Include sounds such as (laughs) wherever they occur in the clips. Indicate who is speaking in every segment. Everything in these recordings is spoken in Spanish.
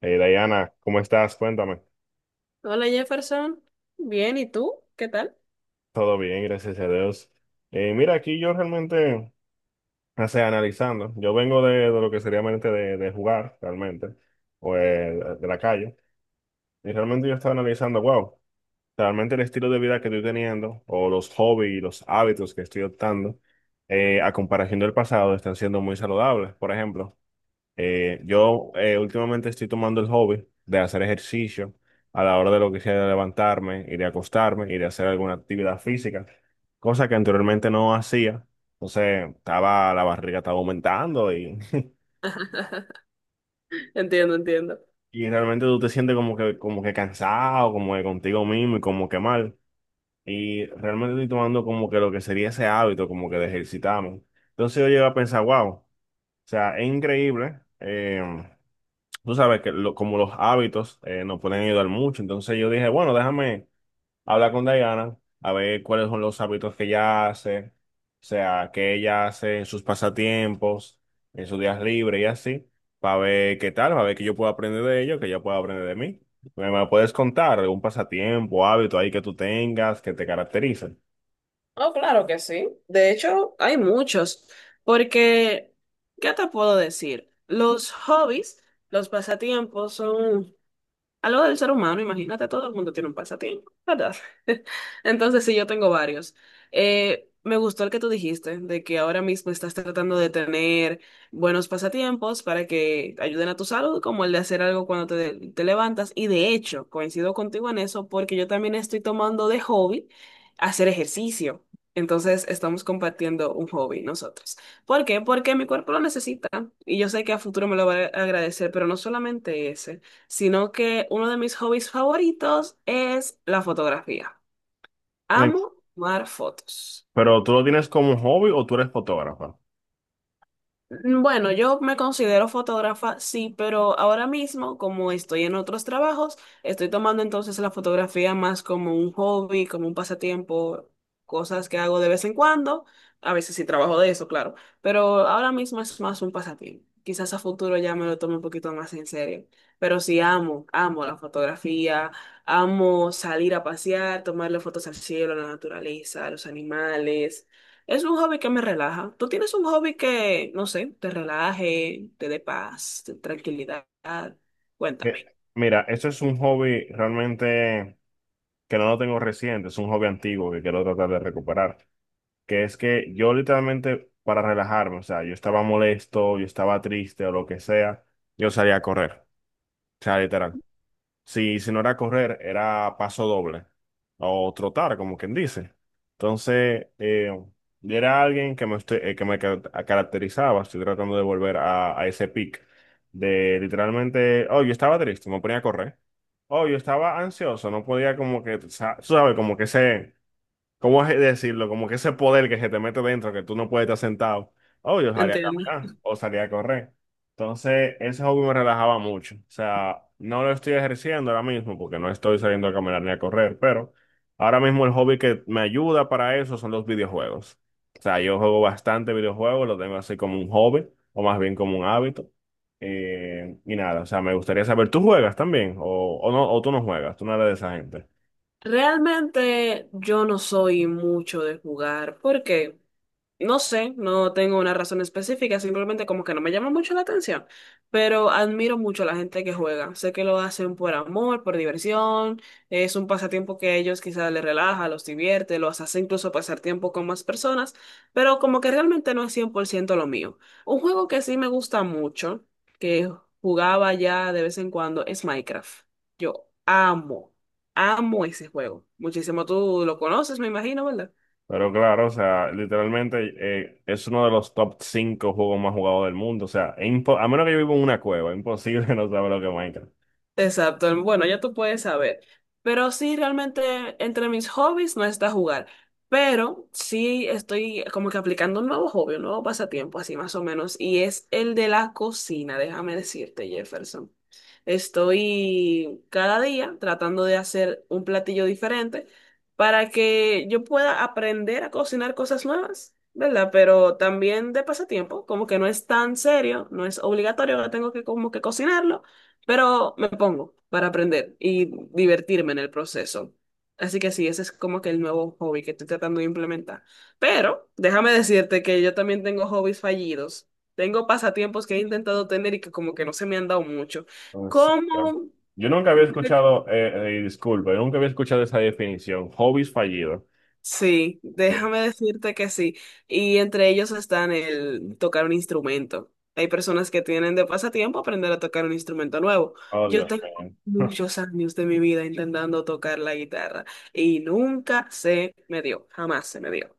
Speaker 1: Hey, Diana, ¿cómo estás? Cuéntame.
Speaker 2: Hola Jefferson, bien, ¿y tú? ¿Qué tal?
Speaker 1: Todo bien, gracias a Dios. Mira, aquí yo realmente, o sea, analizando, yo vengo de lo que sería mente de jugar, realmente, o de la calle, y realmente yo estaba analizando, wow, realmente el estilo de vida que estoy teniendo, o los hobbies y los hábitos que estoy optando, a comparación del pasado, están siendo muy saludables. Por ejemplo, yo últimamente estoy tomando el hobby de hacer ejercicio a la hora de lo que sea de levantarme, ir a acostarme, ir a hacer alguna actividad física, cosa que anteriormente no hacía. Entonces, la barriga estaba aumentando y, (laughs)
Speaker 2: (laughs) Entiendo, entiendo.
Speaker 1: y realmente tú te sientes como que cansado, como que contigo mismo y como que mal. Y realmente estoy tomando como que lo que sería ese hábito, como que de ejercitarme. Entonces yo llego a pensar, wow, o sea, es increíble. Tú sabes que como los hábitos nos pueden ayudar mucho. Entonces yo dije, bueno, déjame hablar con Diana, a ver cuáles son los hábitos que ella hace, o sea, que ella hace en sus pasatiempos, en sus días libres y así, para ver qué tal, para ver que yo puedo aprender de ello, que ella pueda aprender de mí. ¿Me puedes contar algún pasatiempo, hábito ahí que tú tengas, que te caracterice?
Speaker 2: Oh, claro que sí. De hecho, hay muchos, porque, ¿qué te puedo decir? Los hobbies, los pasatiempos son algo del ser humano, imagínate, todo el mundo tiene un pasatiempo, ¿verdad? (laughs) Entonces, sí, yo tengo varios. Me gustó el que tú dijiste, de que ahora mismo estás tratando de tener buenos pasatiempos para que ayuden a tu salud, como el de hacer algo cuando te levantas. Y de hecho, coincido contigo en eso, porque yo también estoy tomando de hobby hacer ejercicio. Entonces, estamos compartiendo un hobby nosotros. ¿Por qué? Porque mi cuerpo lo necesita y yo sé que a futuro me lo va a agradecer, pero no solamente ese, sino que uno de mis hobbies favoritos es la fotografía.
Speaker 1: Eh,
Speaker 2: Amo tomar fotos.
Speaker 1: ¿Pero tú lo tienes como un hobby o tú eres fotógrafa?
Speaker 2: Mm, bueno, yo me considero fotógrafa, sí, pero ahora mismo, como estoy en otros trabajos, estoy tomando entonces la fotografía más como un hobby, como un pasatiempo, cosas que hago de vez en cuando. A veces sí trabajo de eso, claro, pero ahora mismo es más un pasatiempo. Quizás a futuro ya me lo tome un poquito más en serio, pero sí amo, amo la fotografía, amo salir a pasear, tomarle fotos al cielo, a la naturaleza, a los animales. Es un hobby que me relaja. ¿Tú tienes un hobby que, no sé, te relaje, te dé paz, tranquilidad? Cuéntame.
Speaker 1: Eh, Mira, eso es un hobby realmente que no lo tengo reciente, es un hobby antiguo que quiero tratar de recuperar, que es que yo literalmente para relajarme, o sea, yo estaba molesto, yo estaba triste o lo que sea, yo salía a correr, o sea, literal. Si, si no era correr, era paso doble o trotar, como quien dice. Entonces, yo era alguien que me, estoy- que me ca- caracterizaba, estoy tratando de volver a ese pic de literalmente, oh, yo estaba triste, me ponía a correr. Oh, yo estaba ansioso, no podía como que, sabes, como que ese, ¿cómo es decirlo? Como que ese poder que se te mete dentro, que tú no puedes estar sentado. Oh, yo salía a
Speaker 2: Entiendo.
Speaker 1: caminar o salía a correr. Entonces, ese hobby me relajaba mucho. O sea, no lo estoy ejerciendo ahora mismo porque no estoy saliendo a caminar ni a correr, pero ahora mismo el hobby que me ayuda para eso son los videojuegos. O sea, yo juego bastante videojuegos, lo tengo así como un hobby o más bien como un hábito. Y nada, o sea, me gustaría saber, ¿tú juegas también? ¿O no, o tú no juegas? ¿Tú no eres de esa gente?
Speaker 2: Realmente yo no soy mucho de jugar. ¿Por qué? No sé, no tengo una razón específica, simplemente como que no me llama mucho la atención, pero admiro mucho a la gente que juega. Sé que lo hacen por amor, por diversión, es un pasatiempo que a ellos quizás les relaja, los divierte, los hace incluso pasar tiempo con más personas, pero como que realmente no es 100% lo mío. Un juego que sí me gusta mucho, que jugaba ya de vez en cuando, es Minecraft. Yo amo, amo ese juego. Muchísimo, tú lo conoces, me imagino, ¿verdad?
Speaker 1: Pero claro, o sea, literalmente es uno de los top 5 juegos más jugados del mundo. O sea, a menos que yo viva en una cueva, es imposible (laughs) no saber lo que es Minecraft.
Speaker 2: Exacto, bueno, ya tú puedes saber. Pero sí, realmente entre mis hobbies no está jugar. Pero sí estoy como que aplicando un nuevo hobby, un nuevo pasatiempo, así más o menos. Y es el de la cocina, déjame decirte, Jefferson. Estoy cada día tratando de hacer un platillo diferente para que yo pueda aprender a cocinar cosas nuevas, ¿verdad? Pero también de pasatiempo, como que no es tan serio, no es obligatorio, ahora tengo que como que cocinarlo, pero me pongo para aprender y divertirme en el proceso. Así que sí, ese es como que el nuevo hobby que estoy tratando de implementar. Pero déjame decirte que yo también tengo hobbies fallidos. Tengo pasatiempos que he intentado tener y que como que no se me han dado mucho.
Speaker 1: Entonces, yo
Speaker 2: Como
Speaker 1: yo nunca había escuchado, disculpa, yo nunca había escuchado esa definición, hobbies fallidos.
Speaker 2: sí, déjame
Speaker 1: Sí.
Speaker 2: decirte que sí. Y entre ellos están el tocar un instrumento. Hay personas que tienen de pasatiempo aprender a tocar un instrumento nuevo.
Speaker 1: Oh,
Speaker 2: Yo
Speaker 1: Dios
Speaker 2: tengo
Speaker 1: mío. (laughs)
Speaker 2: muchos años de mi vida intentando tocar la guitarra y nunca se me dio, jamás se me dio.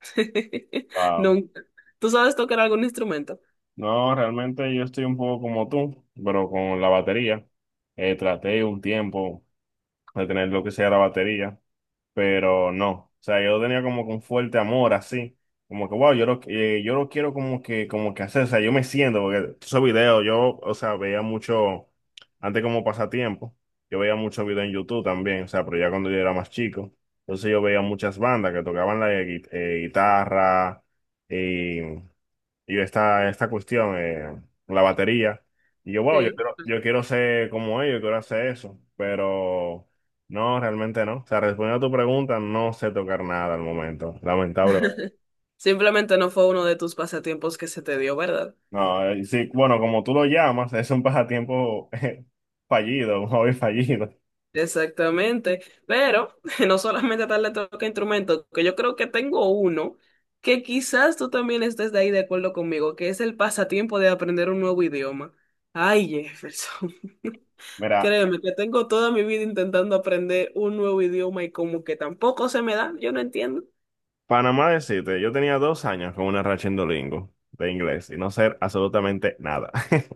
Speaker 2: (laughs)
Speaker 1: Wow.
Speaker 2: Nunca. ¿Tú sabes tocar algún instrumento?
Speaker 1: No, realmente yo estoy un poco como tú, pero con la batería. Traté un tiempo de tener lo que sea la batería, pero no. O sea, yo tenía como que un fuerte amor así, como que, wow, yo lo quiero como que hacer, o sea, yo me siento, porque esos videos, yo, o sea, veía mucho, antes como pasatiempo, yo veía muchos videos en YouTube también, o sea, pero ya cuando yo era más chico, entonces yo veía muchas bandas que tocaban la guitarra, eh, y esta cuestión, la batería. Y yo, wow,
Speaker 2: Sí.
Speaker 1: yo quiero ser como ellos, quiero hacer eso, pero no, realmente no. O sea, respondiendo a tu pregunta, no sé tocar nada al momento, lamentablemente.
Speaker 2: Simplemente no fue uno de tus pasatiempos que se te dio, ¿verdad?
Speaker 1: No, sí, bueno, como tú lo llamas, es un pasatiempo (laughs) fallido, un hobby fallido.
Speaker 2: Exactamente, pero (laughs) no solamente tal le toca instrumento, que yo creo que tengo uno que quizás tú también estés de ahí de acuerdo conmigo, que es el pasatiempo de aprender un nuevo idioma. Ay, Jefferson, (laughs)
Speaker 1: Mira,
Speaker 2: créeme que tengo toda mi vida intentando aprender un nuevo idioma y como que tampoco se me da, yo no entiendo.
Speaker 1: Panamá decirte, yo tenía 2 años con una racha en Duolingo de inglés y no ser absolutamente nada. (laughs)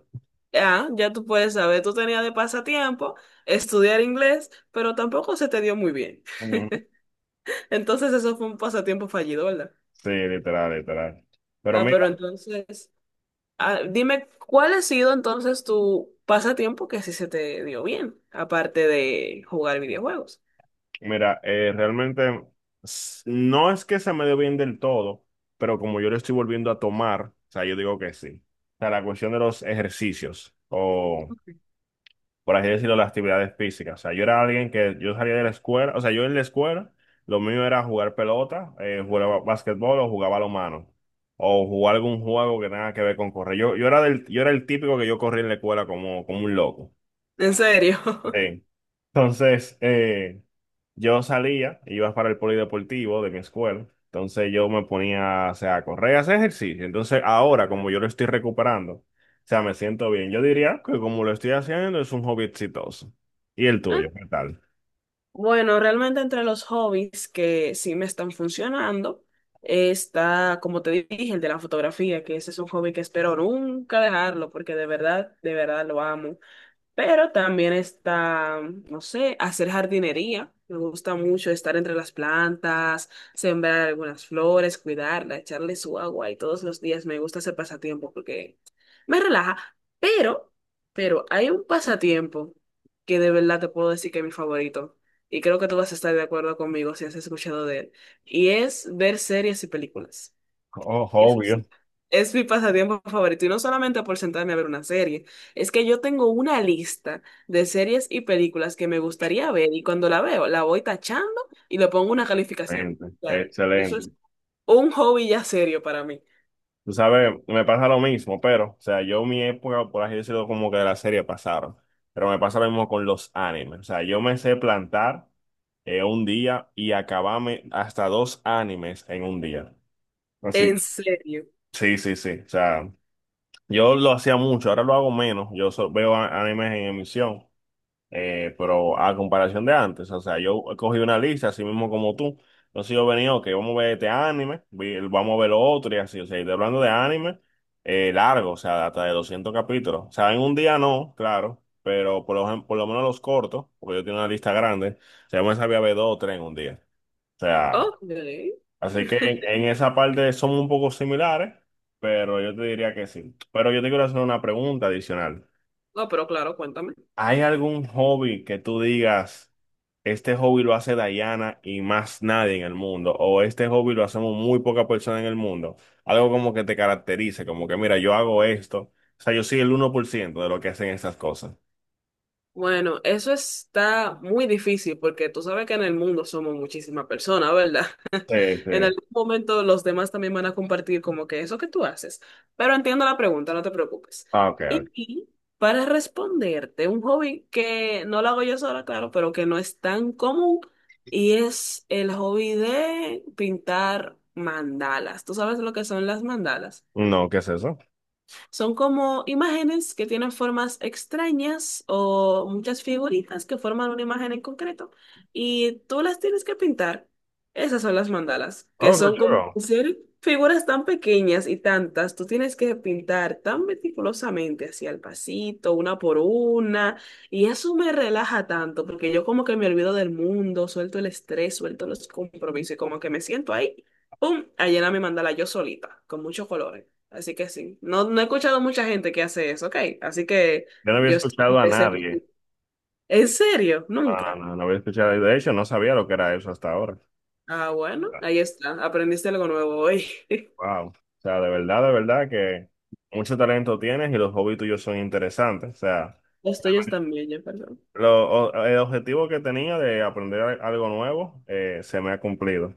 Speaker 2: Ah, ya tú puedes saber, tú tenías de pasatiempo estudiar inglés, pero tampoco se te dio muy bien.
Speaker 1: Ujú.
Speaker 2: (laughs) Entonces eso fue un pasatiempo fallido, ¿verdad?
Speaker 1: Sí, literal, literal. Pero
Speaker 2: Ah, pero entonces... Ah, dime, ¿cuál ha sido entonces tu pasatiempo que sí se te dio bien, aparte de jugar videojuegos?
Speaker 1: mira, realmente no es que se me dé bien del todo, pero como yo lo estoy volviendo a tomar, o sea, yo digo que sí. O sea, la cuestión de los ejercicios, o por así decirlo, las actividades físicas. O sea, yo era alguien que yo salía de la escuela, o sea, yo en la escuela, lo mío era jugar pelota, jugaba básquetbol o jugaba mano o jugar algún juego que tenga que ver con correr. Yo era el típico que yo corría en la escuela como, como un loco.
Speaker 2: ¿En serio? (laughs)
Speaker 1: Sí. Entonces, yo salía, iba para el polideportivo de mi escuela, entonces yo me ponía, o sea, a correr, a hacer ejercicio. Entonces, ahora, como yo lo estoy recuperando, o sea, me siento bien. Yo diría que como lo estoy haciendo, es un hobby exitoso. ¿Y el
Speaker 2: Ah,
Speaker 1: tuyo? ¿Qué tal?
Speaker 2: bueno, realmente entre los hobbies que sí me están funcionando está, como te dije, el de la fotografía, que ese es un hobby que espero nunca dejarlo porque de verdad lo amo. Pero también está, no sé, hacer jardinería. Me gusta mucho estar entre las plantas, sembrar algunas flores, cuidarla, echarle su agua y todos los días me gusta ese pasatiempo porque me relaja. Pero, pero hay un pasatiempo que de verdad te puedo decir que es mi favorito y creo que tú vas a estar de acuerdo conmigo si has escuchado de él y es ver series y películas.
Speaker 1: Oh,
Speaker 2: Es,
Speaker 1: obvio.
Speaker 2: es mi pasatiempo favorito y no solamente por sentarme a ver una serie, es que yo tengo una lista de series y películas que me gustaría ver y cuando la veo la voy tachando y le pongo una calificación.
Speaker 1: Excelente,
Speaker 2: O sea, eso es
Speaker 1: excelente.
Speaker 2: un hobby ya serio para mí.
Speaker 1: Tú sabes, me pasa lo mismo, pero, o sea, yo mi época, por así decirlo, como que de la serie pasaron. Pero me pasa lo mismo con los animes. O sea, yo me sé plantar en un día y acabame hasta dos animes en un día.
Speaker 2: En
Speaker 1: Así,
Speaker 2: serio.
Speaker 1: sí, sí, sí. O sea, yo lo hacía mucho, ahora lo hago menos. Yo veo animes en emisión, pero a comparación de antes, o sea, yo cogí una lista, así mismo como tú. Entonces yo venía, ok, vamos a ver este anime, vamos a ver lo otro y así. O sea, y estoy hablando de anime largo, o sea, hasta de 200 capítulos. O sea, en un día no, claro, pero por lo menos los cortos, porque yo tengo una lista grande, o sea, yo me sabía ver dos o tres en un día. O sea,
Speaker 2: Ok.
Speaker 1: así que en,
Speaker 2: (laughs)
Speaker 1: en esa parte somos un poco similares, pero yo te diría que sí. Pero yo te quiero hacer una pregunta adicional.
Speaker 2: No, pero claro, cuéntame.
Speaker 1: ¿Hay algún hobby que tú digas, este hobby lo hace Dayana y más nadie en el mundo? ¿O este hobby lo hacemos muy poca persona en el mundo? Algo como que te caracterice, como que mira, yo hago esto. O sea, yo soy el 1% de lo que hacen estas cosas.
Speaker 2: Bueno, eso está muy difícil porque tú sabes que en el mundo somos muchísimas personas, ¿verdad?
Speaker 1: Sí,
Speaker 2: En
Speaker 1: sí.
Speaker 2: algún momento los demás también van a compartir como que eso que tú haces. Pero entiendo la pregunta, no te preocupes.
Speaker 1: Ah, ok, ok.
Speaker 2: Y para responderte, un hobby que no lo hago yo sola, claro, pero que no es tan común, y es el hobby de pintar mandalas. ¿Tú sabes lo que son las mandalas?
Speaker 1: No, ¿qué es eso?
Speaker 2: Son como imágenes que tienen formas extrañas o muchas figuritas que forman una imagen en concreto y tú las tienes que pintar. Esas son las mandalas, que
Speaker 1: Oh, qué
Speaker 2: son como (laughs)
Speaker 1: chulo.
Speaker 2: ser figuras tan pequeñas y tantas. Tú tienes que pintar tan meticulosamente, así al pasito, una por una. Y eso me relaja tanto porque yo como que me olvido del mundo, suelto el estrés, suelto los compromisos y como que me siento ahí, ¡pum!, a llenar mi mandala yo solita, con muchos colores. Así que sí. No, no he escuchado mucha gente que hace eso, ok. Así que
Speaker 1: Yo no había
Speaker 2: yo
Speaker 1: escuchado a nadie.
Speaker 2: (laughs) ¿En serio?
Speaker 1: No,
Speaker 2: Nunca.
Speaker 1: no, no, no había escuchado. De hecho, no sabía lo que era eso hasta ahora.
Speaker 2: Ah, bueno, ahí está. Aprendiste algo nuevo hoy. (laughs)
Speaker 1: Wow. O sea, de verdad que mucho talento tienes y los hobbies tuyos son interesantes. O sea,
Speaker 2: Los tuyos también, ya, perdón.
Speaker 1: el objetivo que tenía de aprender algo nuevo se me ha cumplido.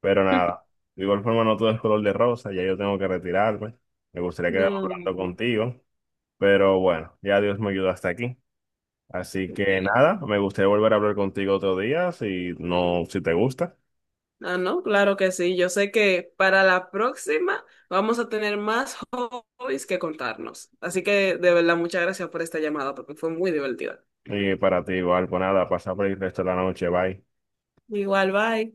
Speaker 1: Pero
Speaker 2: (laughs)
Speaker 1: nada, de igual forma no todo es color de rosa, ya yo tengo que retirarme. Me gustaría quedar
Speaker 2: No.
Speaker 1: hablando contigo, pero bueno, ya Dios me ayudó hasta aquí. Así que
Speaker 2: Ok.
Speaker 1: nada, me gustaría volver a hablar contigo otro día, si no, si te gusta.
Speaker 2: Ah, no, claro que sí. Yo sé que para la próxima vamos a tener más hobbies que contarnos. Así que de verdad, muchas gracias por esta llamada porque fue muy divertida.
Speaker 1: Y para ti igual, pues nada, pasa por el resto de la noche, bye.
Speaker 2: Igual, bye.